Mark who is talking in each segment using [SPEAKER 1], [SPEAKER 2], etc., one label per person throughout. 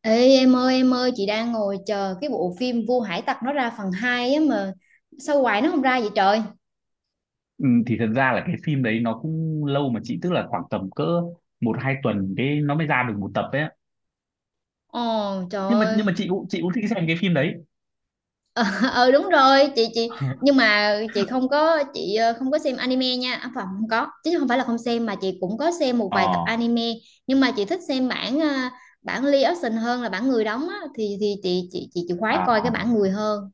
[SPEAKER 1] Ê, em ơi em ơi, chị đang ngồi chờ cái bộ phim Vua Hải Tặc nó ra phần 2 á mà sao hoài nó không ra vậy trời.
[SPEAKER 2] Ừ, thì thật ra là cái phim đấy nó cũng lâu mà chị, tức là khoảng tầm cỡ một hai tuần cái nó mới ra được một tập ấy.
[SPEAKER 1] Ồ, trời
[SPEAKER 2] nhưng mà nhưng
[SPEAKER 1] ơi.
[SPEAKER 2] mà chị cũng thích xem cái phim đấy.
[SPEAKER 1] ờ đúng rồi, chị nhưng mà chị không có chị không có xem anime nha, à, phải, không có, chứ không phải là không xem, mà chị cũng có xem một
[SPEAKER 2] ờ
[SPEAKER 1] vài tập anime. Nhưng mà chị thích xem bản bản live action hơn là bản người đóng á, thì chị khoái
[SPEAKER 2] Ờ,
[SPEAKER 1] coi cái
[SPEAKER 2] à.
[SPEAKER 1] bản người hơn.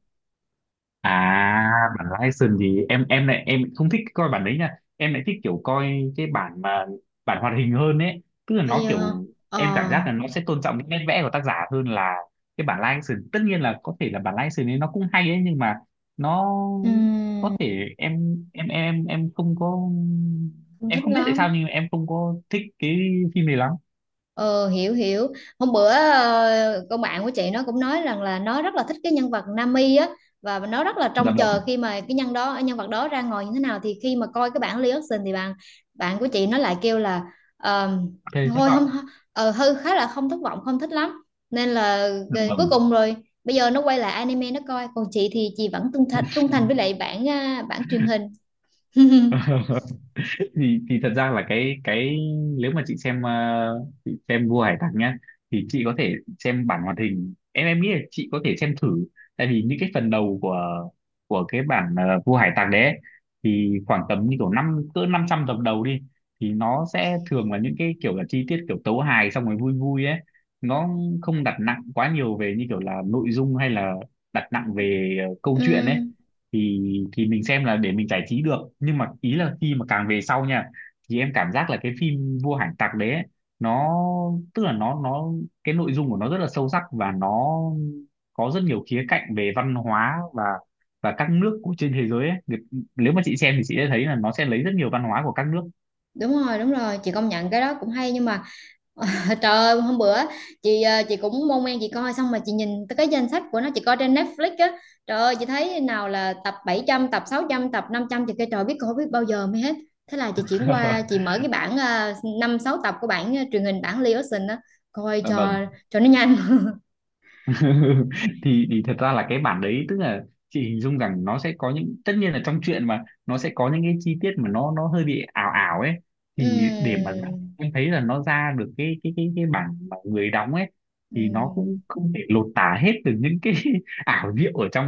[SPEAKER 2] À, bản live gì em lại em không thích coi bản đấy nha. Em lại thích kiểu coi cái bản mà, bản hoạt hình hơn ấy. Tức là
[SPEAKER 1] Bây
[SPEAKER 2] nó
[SPEAKER 1] giờ
[SPEAKER 2] kiểu
[SPEAKER 1] ờ
[SPEAKER 2] em cảm giác là nó sẽ tôn trọng những nét vẽ của tác giả hơn là cái bản live action. Tất nhiên là có thể là bản live action ấy nó cũng hay ấy, nhưng mà nó có
[SPEAKER 1] ừm,
[SPEAKER 2] thể em không có,
[SPEAKER 1] không
[SPEAKER 2] em
[SPEAKER 1] thích
[SPEAKER 2] không biết tại sao
[SPEAKER 1] lắm.
[SPEAKER 2] nhưng mà em không có thích cái phim này lắm.
[SPEAKER 1] Ờ, hiểu hiểu. Hôm bữa con bạn của chị nó cũng nói rằng là nó rất là thích cái nhân vật Nami á, và nó rất là
[SPEAKER 2] Dạ
[SPEAKER 1] trông chờ
[SPEAKER 2] vâng.
[SPEAKER 1] khi mà cái nhân đó nhân vật đó ra ngồi như thế nào. Thì khi mà coi cái bản reaction thì bạn bạn của chị nó lại kêu là ờ,
[SPEAKER 2] Thế thất
[SPEAKER 1] thôi không,
[SPEAKER 2] vọng.
[SPEAKER 1] hư khá là không thất vọng, không thích lắm, nên là
[SPEAKER 2] Dạ
[SPEAKER 1] cuối
[SPEAKER 2] vâng.
[SPEAKER 1] cùng rồi bây giờ nó quay lại anime nó coi, còn chị thì chị vẫn trung thành với lại bản, à, bản truyền hình.
[SPEAKER 2] Thì thật ra là cái, nếu mà chị xem chị xem Vua Hải Tặc nhá, thì chị có thể xem bản hoạt hình, em nghĩ là chị có thể xem thử, tại vì những cái phần đầu của, cái bản Vua Hải Tặc đấy ấy, thì khoảng tầm như kiểu năm cỡ 500 tập đầu đi, thì nó sẽ thường là những cái kiểu là chi tiết kiểu tấu hài xong rồi vui vui ấy. Nó không đặt nặng quá nhiều về như kiểu là nội dung hay là đặt nặng về câu chuyện ấy,
[SPEAKER 1] Ừm.
[SPEAKER 2] thì thì mình xem là để mình giải trí được, nhưng mà ý là khi mà càng về sau nha, thì em cảm giác là cái phim Vua Hải Tặc đấy ấy, nó tức là nó, cái nội dung của nó rất là sâu sắc, và nó có rất nhiều khía cạnh về văn hóa, và các nước của trên thế giới ấy. Nếu mà chị xem thì chị sẽ thấy là nó sẽ lấy rất nhiều văn hóa của các nước.
[SPEAKER 1] Đúng rồi đúng rồi, chị công nhận cái đó cũng hay, nhưng mà trời ơi, hôm bữa chị chị cũng mong men chị coi xong mà chị nhìn tới cái danh sách của nó, chị coi trên Netflix á, trời ơi chị thấy nào là tập 700, tập 600, tập 500, chị kêu trời, biết coi biết bao giờ mới hết. Thế là chị chuyển qua chị mở cái bản 5 6 tập của bản truyền hình, bản Leo Ocean á, coi cho
[SPEAKER 2] Vâng.
[SPEAKER 1] nó nhanh.
[SPEAKER 2] Thì thật ra là cái bản đấy, tức là chị hình dung rằng nó sẽ có những, tất nhiên là trong chuyện mà nó sẽ có những cái chi tiết mà nó hơi bị ảo ảo ấy, thì để mà ra-
[SPEAKER 1] Ừm,
[SPEAKER 2] em thấy là nó ra được cái bản mà người đóng ấy, thì nó
[SPEAKER 1] ừm.
[SPEAKER 2] cũng không thể lột tả hết được những cái ảo diệu ở trong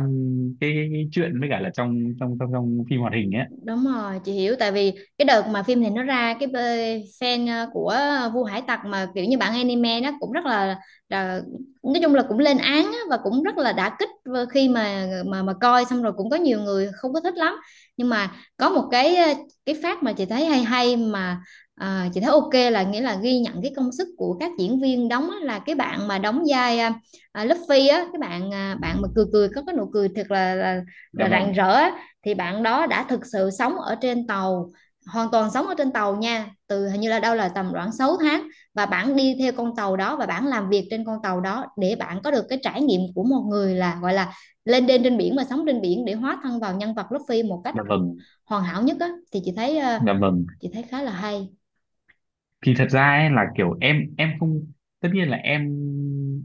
[SPEAKER 2] cái truyện với cả là trong trong trong trong phim hoạt hình ấy.
[SPEAKER 1] Đúng rồi, chị hiểu, tại vì cái đợt mà phim này nó ra, cái fan của Vua Hải Tặc mà kiểu như bạn anime nó cũng rất là nói chung là cũng lên án á, và cũng rất là đả kích vừa. Khi mà coi xong rồi cũng có nhiều người không có thích lắm. Nhưng mà có một cái cái phát mà chị thấy hay hay mà chị thấy ok, là nghĩa là ghi nhận cái công sức của các diễn viên đóng á, là cái bạn mà đóng vai Luffy á, cái bạn bạn mà cười cười, có cái nụ cười thật là
[SPEAKER 2] Dạ
[SPEAKER 1] là rạng
[SPEAKER 2] vâng,
[SPEAKER 1] rỡ á, thì bạn đó đã thực sự sống ở trên tàu, hoàn toàn sống ở trên tàu nha, từ hình như là đâu là tầm khoảng 6 tháng, và bạn đi theo con tàu đó và bạn làm việc trên con tàu đó để bạn có được cái trải nghiệm của một người là gọi là lên đên trên biển và sống trên biển để hóa thân vào nhân vật Luffy một cách
[SPEAKER 2] dạ vâng,
[SPEAKER 1] hoàn hảo nhất á, thì chị thấy
[SPEAKER 2] dạ vâng.
[SPEAKER 1] chị thấy khá là hay.
[SPEAKER 2] Thì thật ra ấy là kiểu em không tất nhiên là em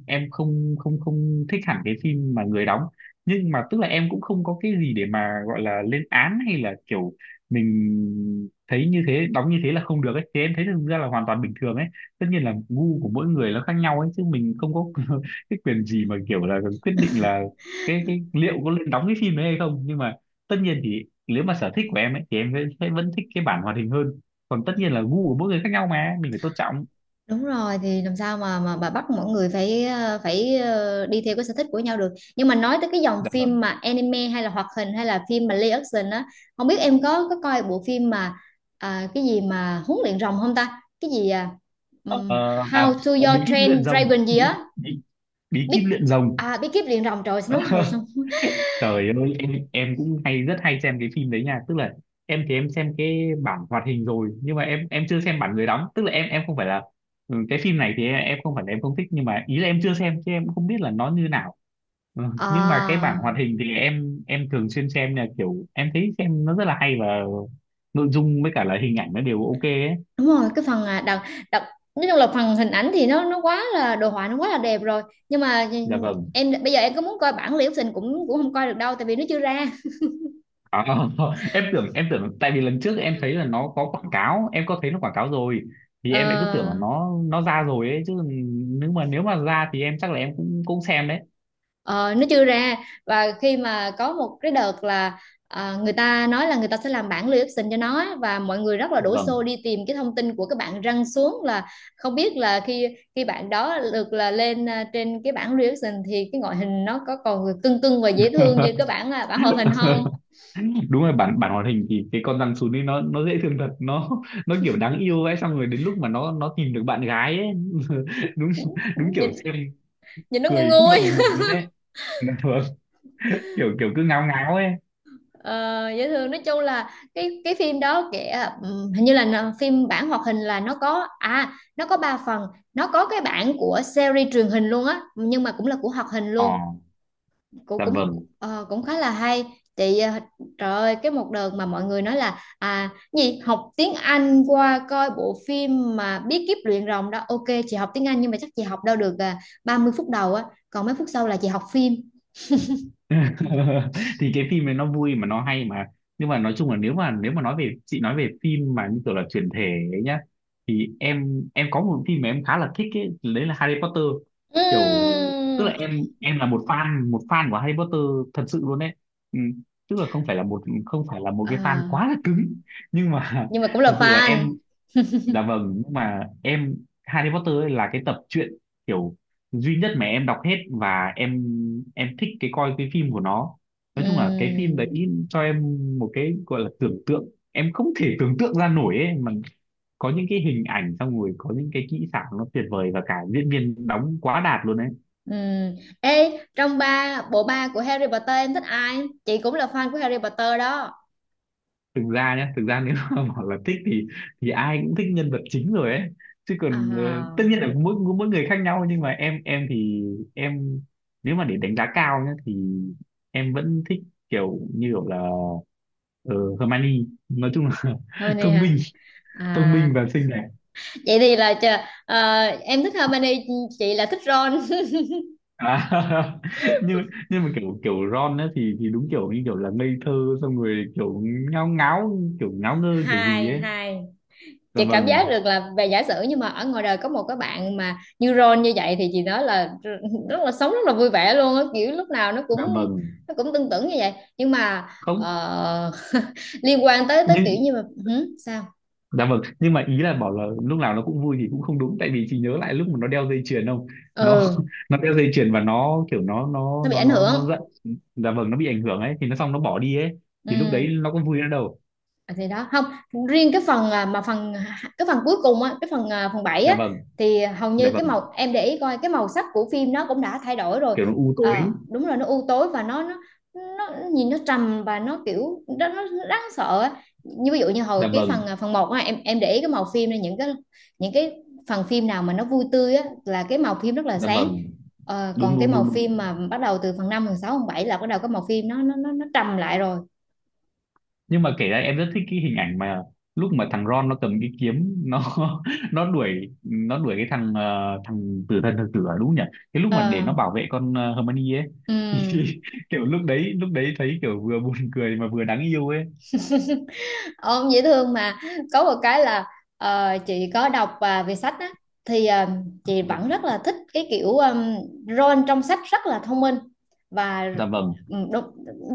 [SPEAKER 2] em không không không thích hẳn cái phim mà người đóng, nhưng mà tức là em cũng không có cái gì để mà gọi là lên án hay là kiểu mình thấy như thế, đóng như thế là không được ấy, thì em thấy thực ra là hoàn toàn bình thường ấy. Tất nhiên là gu của mỗi người nó khác nhau ấy, chứ mình không có cái quyền gì mà kiểu là quyết định là cái liệu có lên đóng cái phim đấy hay không. Nhưng mà tất nhiên thì nếu mà sở thích của em ấy thì em sẽ vẫn thích cái bản hoạt hình hơn, còn tất nhiên là gu của mỗi người khác nhau mà mình phải tôn trọng.
[SPEAKER 1] Đúng rồi, thì làm sao mà bà bắt mọi người phải phải đi theo cái sở thích của nhau được. Nhưng mà nói tới cái dòng
[SPEAKER 2] Dạ
[SPEAKER 1] phim
[SPEAKER 2] vâng.
[SPEAKER 1] mà anime hay là hoạt hình hay là phim mà live action á, không biết em có coi bộ phim mà, à, cái gì mà huấn luyện rồng không ta? Cái gì à?
[SPEAKER 2] ờ,
[SPEAKER 1] Ừm, How to
[SPEAKER 2] bí
[SPEAKER 1] Your
[SPEAKER 2] kíp luyện
[SPEAKER 1] Train
[SPEAKER 2] rồng,
[SPEAKER 1] Dragon gì á?
[SPEAKER 2] bí, bí
[SPEAKER 1] Big,
[SPEAKER 2] kíp luyện rồng.
[SPEAKER 1] à, Big Kiếp luyện rồng trời nó hồi xong.
[SPEAKER 2] Trời ơi, em cũng hay, rất hay xem cái phim đấy nha, tức là em thì em xem cái bản hoạt hình rồi, nhưng mà em chưa xem bản người đóng, tức là em không phải là, cái phim này thì em không phải là em không thích, nhưng mà ý là em chưa xem chứ em cũng không biết là nó như nào. Ừ, nhưng mà cái bản
[SPEAKER 1] À,
[SPEAKER 2] hoạt hình thì em thường xuyên xem, là kiểu em thấy xem nó rất là hay, và nội dung với cả là hình ảnh nó đều ok ấy.
[SPEAKER 1] đúng rồi, cái phần, à, đặc đặc nói chung là phần hình ảnh thì nó quá là đồ họa, nó quá là đẹp rồi, nhưng mà
[SPEAKER 2] Dạ vâng.
[SPEAKER 1] em bây giờ em có muốn coi bản Liễu Tình cũng cũng không coi được đâu, tại vì nó chưa ra.
[SPEAKER 2] À, em tưởng tại vì lần trước em thấy là nó có quảng cáo, em có thấy nó quảng cáo rồi, thì em lại cứ tưởng là
[SPEAKER 1] ờ,
[SPEAKER 2] nó ra rồi ấy chứ. Nếu mà ra thì em chắc là em cũng cũng xem đấy.
[SPEAKER 1] ờ, nó chưa ra. Và khi mà có một cái đợt là, à, người ta nói là người ta sẽ làm bản Liễu Tình cho nó á, và mọi người rất là
[SPEAKER 2] Dạ
[SPEAKER 1] đổ
[SPEAKER 2] vâng.
[SPEAKER 1] xô đi tìm cái thông tin của cái bạn răng xuống, là không biết là khi khi bạn đó được là lên, à, trên cái bản Liễu Tình thì cái ngoại hình nó có còn cưng cưng và dễ thương như cái bản, à, bản hoạt hình không.
[SPEAKER 2] Đúng rồi, bản bản hoạt hình thì cái con rắn sún ấy nó dễ thương thật, nó kiểu đáng yêu ấy, xong rồi đến lúc mà nó tìm được bạn gái ấy đúng, đúng
[SPEAKER 1] Nhìn
[SPEAKER 2] kiểu xem
[SPEAKER 1] nhìn nó ngu
[SPEAKER 2] cười không
[SPEAKER 1] nguôi,
[SPEAKER 2] ngậm được mồm luôn đấy. Dạ vâng. Kiểu kiểu cứ ngáo ngáo ấy.
[SPEAKER 1] ờ, dễ thương. Nói chung là cái phim đó kể, hình như là nó phim bản hoạt hình là nó có, à, nó có ba phần, nó có cái bản của series truyền hình luôn á, nhưng mà cũng là của hoạt hình
[SPEAKER 2] Ờ,
[SPEAKER 1] luôn, cũng
[SPEAKER 2] dạ
[SPEAKER 1] cũng
[SPEAKER 2] vâng.
[SPEAKER 1] cũng khá là hay. Chị trời ơi, cái một đợt mà mọi người nói là, à, gì học tiếng Anh qua coi bộ phim mà bí kíp luyện rồng đó, ok chị học tiếng Anh nhưng mà chắc chị học đâu được, à, 30 phút đầu á, còn mấy phút sau là chị học phim.
[SPEAKER 2] Thì cái phim này nó vui mà, nó hay mà, nhưng mà nói chung là, nếu mà nói về chị, nói về phim mà như kiểu là chuyển thể ấy nhá, thì em có một phim mà em khá là thích ấy, đấy là Harry Potter. Kiểu tức là
[SPEAKER 1] Ừm.
[SPEAKER 2] em là một fan, của Harry Potter thật sự luôn đấy. Ừ, tức là không phải là một, cái fan
[SPEAKER 1] À,
[SPEAKER 2] quá là cứng, nhưng mà
[SPEAKER 1] nhưng mà cũng là
[SPEAKER 2] thật sự là
[SPEAKER 1] fan.
[SPEAKER 2] em. Dạ vâng, nhưng mà em, Harry Potter ấy là cái tập truyện kiểu duy nhất mà em đọc hết, và em thích cái coi cái phim của nó. Nói chung là cái phim đấy
[SPEAKER 1] Ừm,
[SPEAKER 2] cho em một cái gọi là tưởng tượng, em không thể tưởng tượng ra nổi ấy mà, có những cái hình ảnh xong rồi có những cái kỹ xảo nó tuyệt vời, và cả diễn viên đóng quá đạt luôn ấy.
[SPEAKER 1] ừm. Ê, trong ba bộ ba của Harry Potter em thích ai? Chị cũng là fan của Harry Potter đó.
[SPEAKER 2] Thực ra nhé, thực ra nếu mà bảo là thích thì ai cũng thích nhân vật chính rồi ấy chứ, còn
[SPEAKER 1] À,
[SPEAKER 2] tất nhiên là mỗi mỗi người khác nhau, nhưng mà em thì em, nếu mà để đánh giá cao nhé thì em vẫn thích kiểu như kiểu là Hermione, nói chung là
[SPEAKER 1] Hermione
[SPEAKER 2] thông minh,
[SPEAKER 1] hả?
[SPEAKER 2] thông minh
[SPEAKER 1] À,
[SPEAKER 2] và xinh đẹp.
[SPEAKER 1] vậy thì là em thích Hermione, chị là thích Ron.
[SPEAKER 2] À, nhưng mà kiểu kiểu Ron ấy thì đúng kiểu như kiểu là ngây thơ, xong rồi kiểu ngáo ngáo, kiểu ngáo ngơ kiểu gì
[SPEAKER 1] Hai,
[SPEAKER 2] ấy.
[SPEAKER 1] hai.
[SPEAKER 2] Dạ
[SPEAKER 1] Chị cảm
[SPEAKER 2] vâng,
[SPEAKER 1] giác được là về giả sử, nhưng mà ở ngoài đời có một cái bạn mà như Ron như vậy thì chị nói là rất là sống rất là vui vẻ luôn á, kiểu lúc nào nó cũng
[SPEAKER 2] dạ vâng.
[SPEAKER 1] tưng tửng như vậy. Nhưng mà
[SPEAKER 2] Không,
[SPEAKER 1] ờ, liên quan tới tới
[SPEAKER 2] nhưng.
[SPEAKER 1] kiểu như mà, hử? Sao?
[SPEAKER 2] Dạ vâng, nhưng mà ý là bảo là lúc nào nó cũng vui thì cũng không đúng, tại vì chị nhớ lại lúc mà nó đeo dây chuyền không? Nó
[SPEAKER 1] Ừ.
[SPEAKER 2] nó đeo dây chuyền và nó kiểu, nó nó
[SPEAKER 1] Nó bị
[SPEAKER 2] nó
[SPEAKER 1] ảnh
[SPEAKER 2] nó
[SPEAKER 1] hưởng.
[SPEAKER 2] nó giận. Dạ vâng, nó bị ảnh hưởng ấy thì nó, xong nó bỏ đi ấy,
[SPEAKER 1] Ừ.
[SPEAKER 2] thì lúc đấy nó có vui nữa đâu.
[SPEAKER 1] À, thì đó không riêng cái phần, à, mà phần cái phần cuối cùng á, cái phần, à, phần bảy
[SPEAKER 2] Dạ
[SPEAKER 1] á,
[SPEAKER 2] vâng,
[SPEAKER 1] thì hầu
[SPEAKER 2] dạ
[SPEAKER 1] như cái
[SPEAKER 2] vâng,
[SPEAKER 1] màu em để ý coi cái màu sắc của phim nó cũng đã thay đổi rồi.
[SPEAKER 2] kiểu nó u
[SPEAKER 1] Ờ,
[SPEAKER 2] tối.
[SPEAKER 1] đúng là nó u tối và nó, nhìn nó trầm và nó kiểu nó đáng sợ á. Như ví dụ như hồi
[SPEAKER 2] Dạ
[SPEAKER 1] cái
[SPEAKER 2] vâng,
[SPEAKER 1] phần, à, phần một á, em để ý cái màu phim này, những cái những cái phần phim nào mà nó vui tươi á là cái màu phim rất là
[SPEAKER 2] dạ
[SPEAKER 1] sáng.
[SPEAKER 2] vâng,
[SPEAKER 1] Ờ,
[SPEAKER 2] đúng
[SPEAKER 1] còn cái
[SPEAKER 2] đúng
[SPEAKER 1] màu
[SPEAKER 2] đúng đúng.
[SPEAKER 1] phim mà bắt đầu từ phần năm, phần sáu, phần 7 là bắt đầu cái màu phim nó trầm lại rồi.
[SPEAKER 2] Nhưng mà kể ra em rất thích cái hình ảnh mà lúc mà thằng Ron nó cầm cái kiếm, nó nó đuổi cái thằng, thằng tử thần thực tử, à, đúng nhỉ, cái lúc mà để
[SPEAKER 1] Ờ,
[SPEAKER 2] nó bảo vệ con, Hermione ấy thì
[SPEAKER 1] ừ.
[SPEAKER 2] kiểu lúc đấy thấy kiểu vừa buồn cười mà vừa đáng yêu ấy.
[SPEAKER 1] Ông dễ thương mà. Có một cái là chị có đọc và về sách á, thì chị vẫn rất là thích cái kiểu, Ron trong sách rất là thông minh và,
[SPEAKER 2] Dạ vâng,
[SPEAKER 1] ừ, đúng,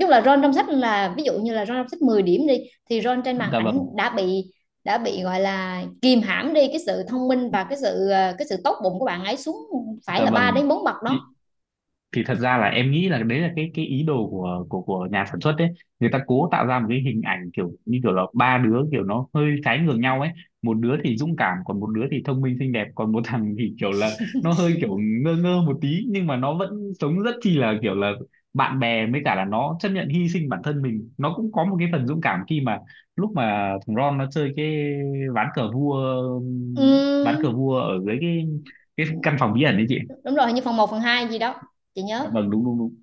[SPEAKER 1] nói là Ron trong sách, là ví dụ như là Ron trong sách 10 điểm đi, thì Ron trên màn
[SPEAKER 2] dạ
[SPEAKER 1] ảnh
[SPEAKER 2] vâng,
[SPEAKER 1] đã bị gọi là kìm hãm đi cái sự thông minh và cái sự cái sự tốt bụng của bạn ấy xuống, phải
[SPEAKER 2] dạ
[SPEAKER 1] là 3
[SPEAKER 2] vâng.
[SPEAKER 1] đến 4 bậc đó.
[SPEAKER 2] Thì thật ra là em nghĩ là đấy là cái ý đồ của nhà sản xuất đấy. Người ta cố tạo ra một cái hình ảnh kiểu như kiểu là ba đứa kiểu nó hơi trái ngược nhau ấy, một đứa thì dũng cảm, còn một đứa thì thông minh xinh đẹp, còn một thằng thì kiểu là nó hơi kiểu ngơ ngơ một tí, nhưng mà nó vẫn sống rất chi là kiểu là bạn bè, với cả là nó chấp nhận hy sinh bản thân mình, nó cũng có một cái phần dũng cảm khi mà lúc mà thằng Ron nó chơi cái ván cờ vua ván cờ
[SPEAKER 1] Ừm,
[SPEAKER 2] vua ở dưới cái căn phòng bí ẩn đấy chị.
[SPEAKER 1] đúng rồi, hình như phần một phần 2 gì đó chị
[SPEAKER 2] Dạ
[SPEAKER 1] nhớ.
[SPEAKER 2] vâng, đúng đúng đúng.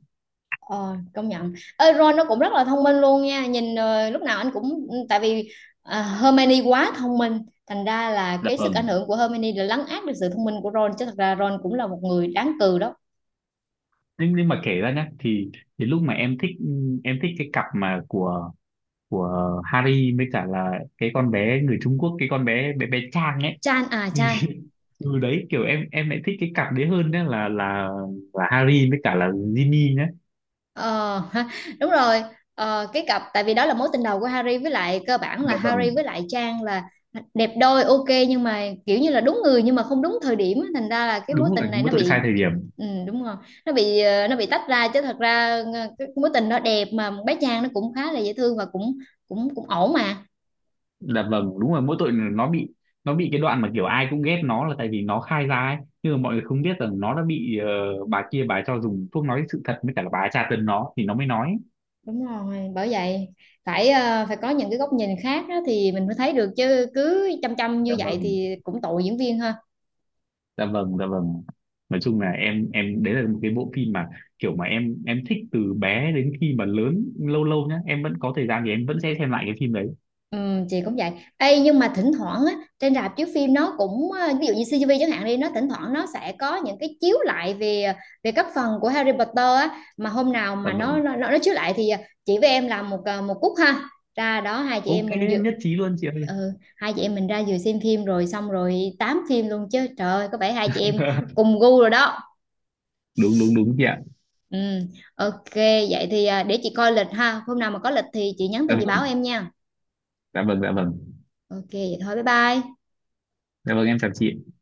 [SPEAKER 1] Ờ, công nhận. Ê, Ron nó cũng rất là thông minh luôn nha. Nhìn lúc nào anh cũng, ừ, tại vì, à, Hermione quá thông minh, thành ra là
[SPEAKER 2] Dạ
[SPEAKER 1] cái sức ảnh
[SPEAKER 2] vâng,
[SPEAKER 1] hưởng của Hermione là lấn át được sự thông minh của Ron, chứ thật ra Ron cũng là một người đáng cừ đó.
[SPEAKER 2] nhưng mà kể ra nhá, thì lúc mà em thích, cái cặp mà của, Harry với cả là cái con bé người Trung Quốc, cái con bé, bé Trang ấy,
[SPEAKER 1] Chan, à,
[SPEAKER 2] thì
[SPEAKER 1] Chan.
[SPEAKER 2] từ đấy kiểu em lại thích cái cặp đấy hơn nhá, là Harry với cả là Ginny nhá.
[SPEAKER 1] Ờ, ha, đúng rồi. Ờ, cái cặp, tại vì đó là mối tình đầu của Harry, với lại cơ bản là
[SPEAKER 2] Dạ vâng,
[SPEAKER 1] Harry với lại Trang là đẹp đôi, ok, nhưng mà kiểu như là đúng người nhưng mà không đúng thời điểm á, thành ra là cái mối
[SPEAKER 2] đúng rồi,
[SPEAKER 1] tình này
[SPEAKER 2] mỗi
[SPEAKER 1] nó
[SPEAKER 2] tội sai
[SPEAKER 1] bị,
[SPEAKER 2] thời điểm.
[SPEAKER 1] ừ, đúng rồi, nó bị nó bị tách ra, chứ thật ra cái mối tình đó đẹp, mà bé Trang nó cũng khá là dễ thương và cũng cũng cũng ổn mà.
[SPEAKER 2] Dạ vâng, đúng rồi, mỗi tội nó bị, cái đoạn mà kiểu ai cũng ghét nó là tại vì nó khai ra ấy, nhưng mà mọi người không biết rằng nó đã bị, bà kia, bà ấy cho dùng thuốc nói sự thật, với cả là bà ấy tra tấn nó thì nó mới nói.
[SPEAKER 1] Đúng rồi, bởi vậy phải phải có những cái góc nhìn khác á thì mình mới thấy được, chứ cứ chăm chăm như
[SPEAKER 2] Dạ
[SPEAKER 1] vậy
[SPEAKER 2] vâng,
[SPEAKER 1] thì cũng tội diễn viên, ha.
[SPEAKER 2] dạ vâng, dạ vâng, nói chung là em đấy là một cái bộ phim mà kiểu mà em thích từ bé đến khi mà lớn, lâu lâu nhá em vẫn có thời gian thì em vẫn sẽ xem lại cái phim đấy.
[SPEAKER 1] Ừ, chị cũng vậy. Ê, nhưng mà thỉnh thoảng á, trên rạp chiếu phim nó cũng ví dụ như CGV chẳng hạn đi, nó thỉnh thoảng nó sẽ có những cái chiếu lại về về các phần của Harry Potter á, mà hôm nào
[SPEAKER 2] Dạ
[SPEAKER 1] mà
[SPEAKER 2] vâng.
[SPEAKER 1] nó chiếu lại thì chị với em làm một một cúc ha. Ra đó hai chị
[SPEAKER 2] Ok,
[SPEAKER 1] em mình dự,
[SPEAKER 2] nhất trí luôn chị ơi.
[SPEAKER 1] ừ, hai chị em mình ra vừa xem phim rồi xong rồi tám phim luôn chứ. Trời ơi, có vẻ hai chị em cùng gu rồi đó.
[SPEAKER 2] Đúng đúng đúng chị ạ.
[SPEAKER 1] Ừ, ok, vậy thì để chị coi lịch ha. Hôm nào mà có lịch thì chị nhắn
[SPEAKER 2] Dạ
[SPEAKER 1] tin chị báo
[SPEAKER 2] vâng,
[SPEAKER 1] em nha.
[SPEAKER 2] dạ vâng, dạ vâng,
[SPEAKER 1] Ok, vậy thôi, bye bye.
[SPEAKER 2] dạ vâng, em chào chị.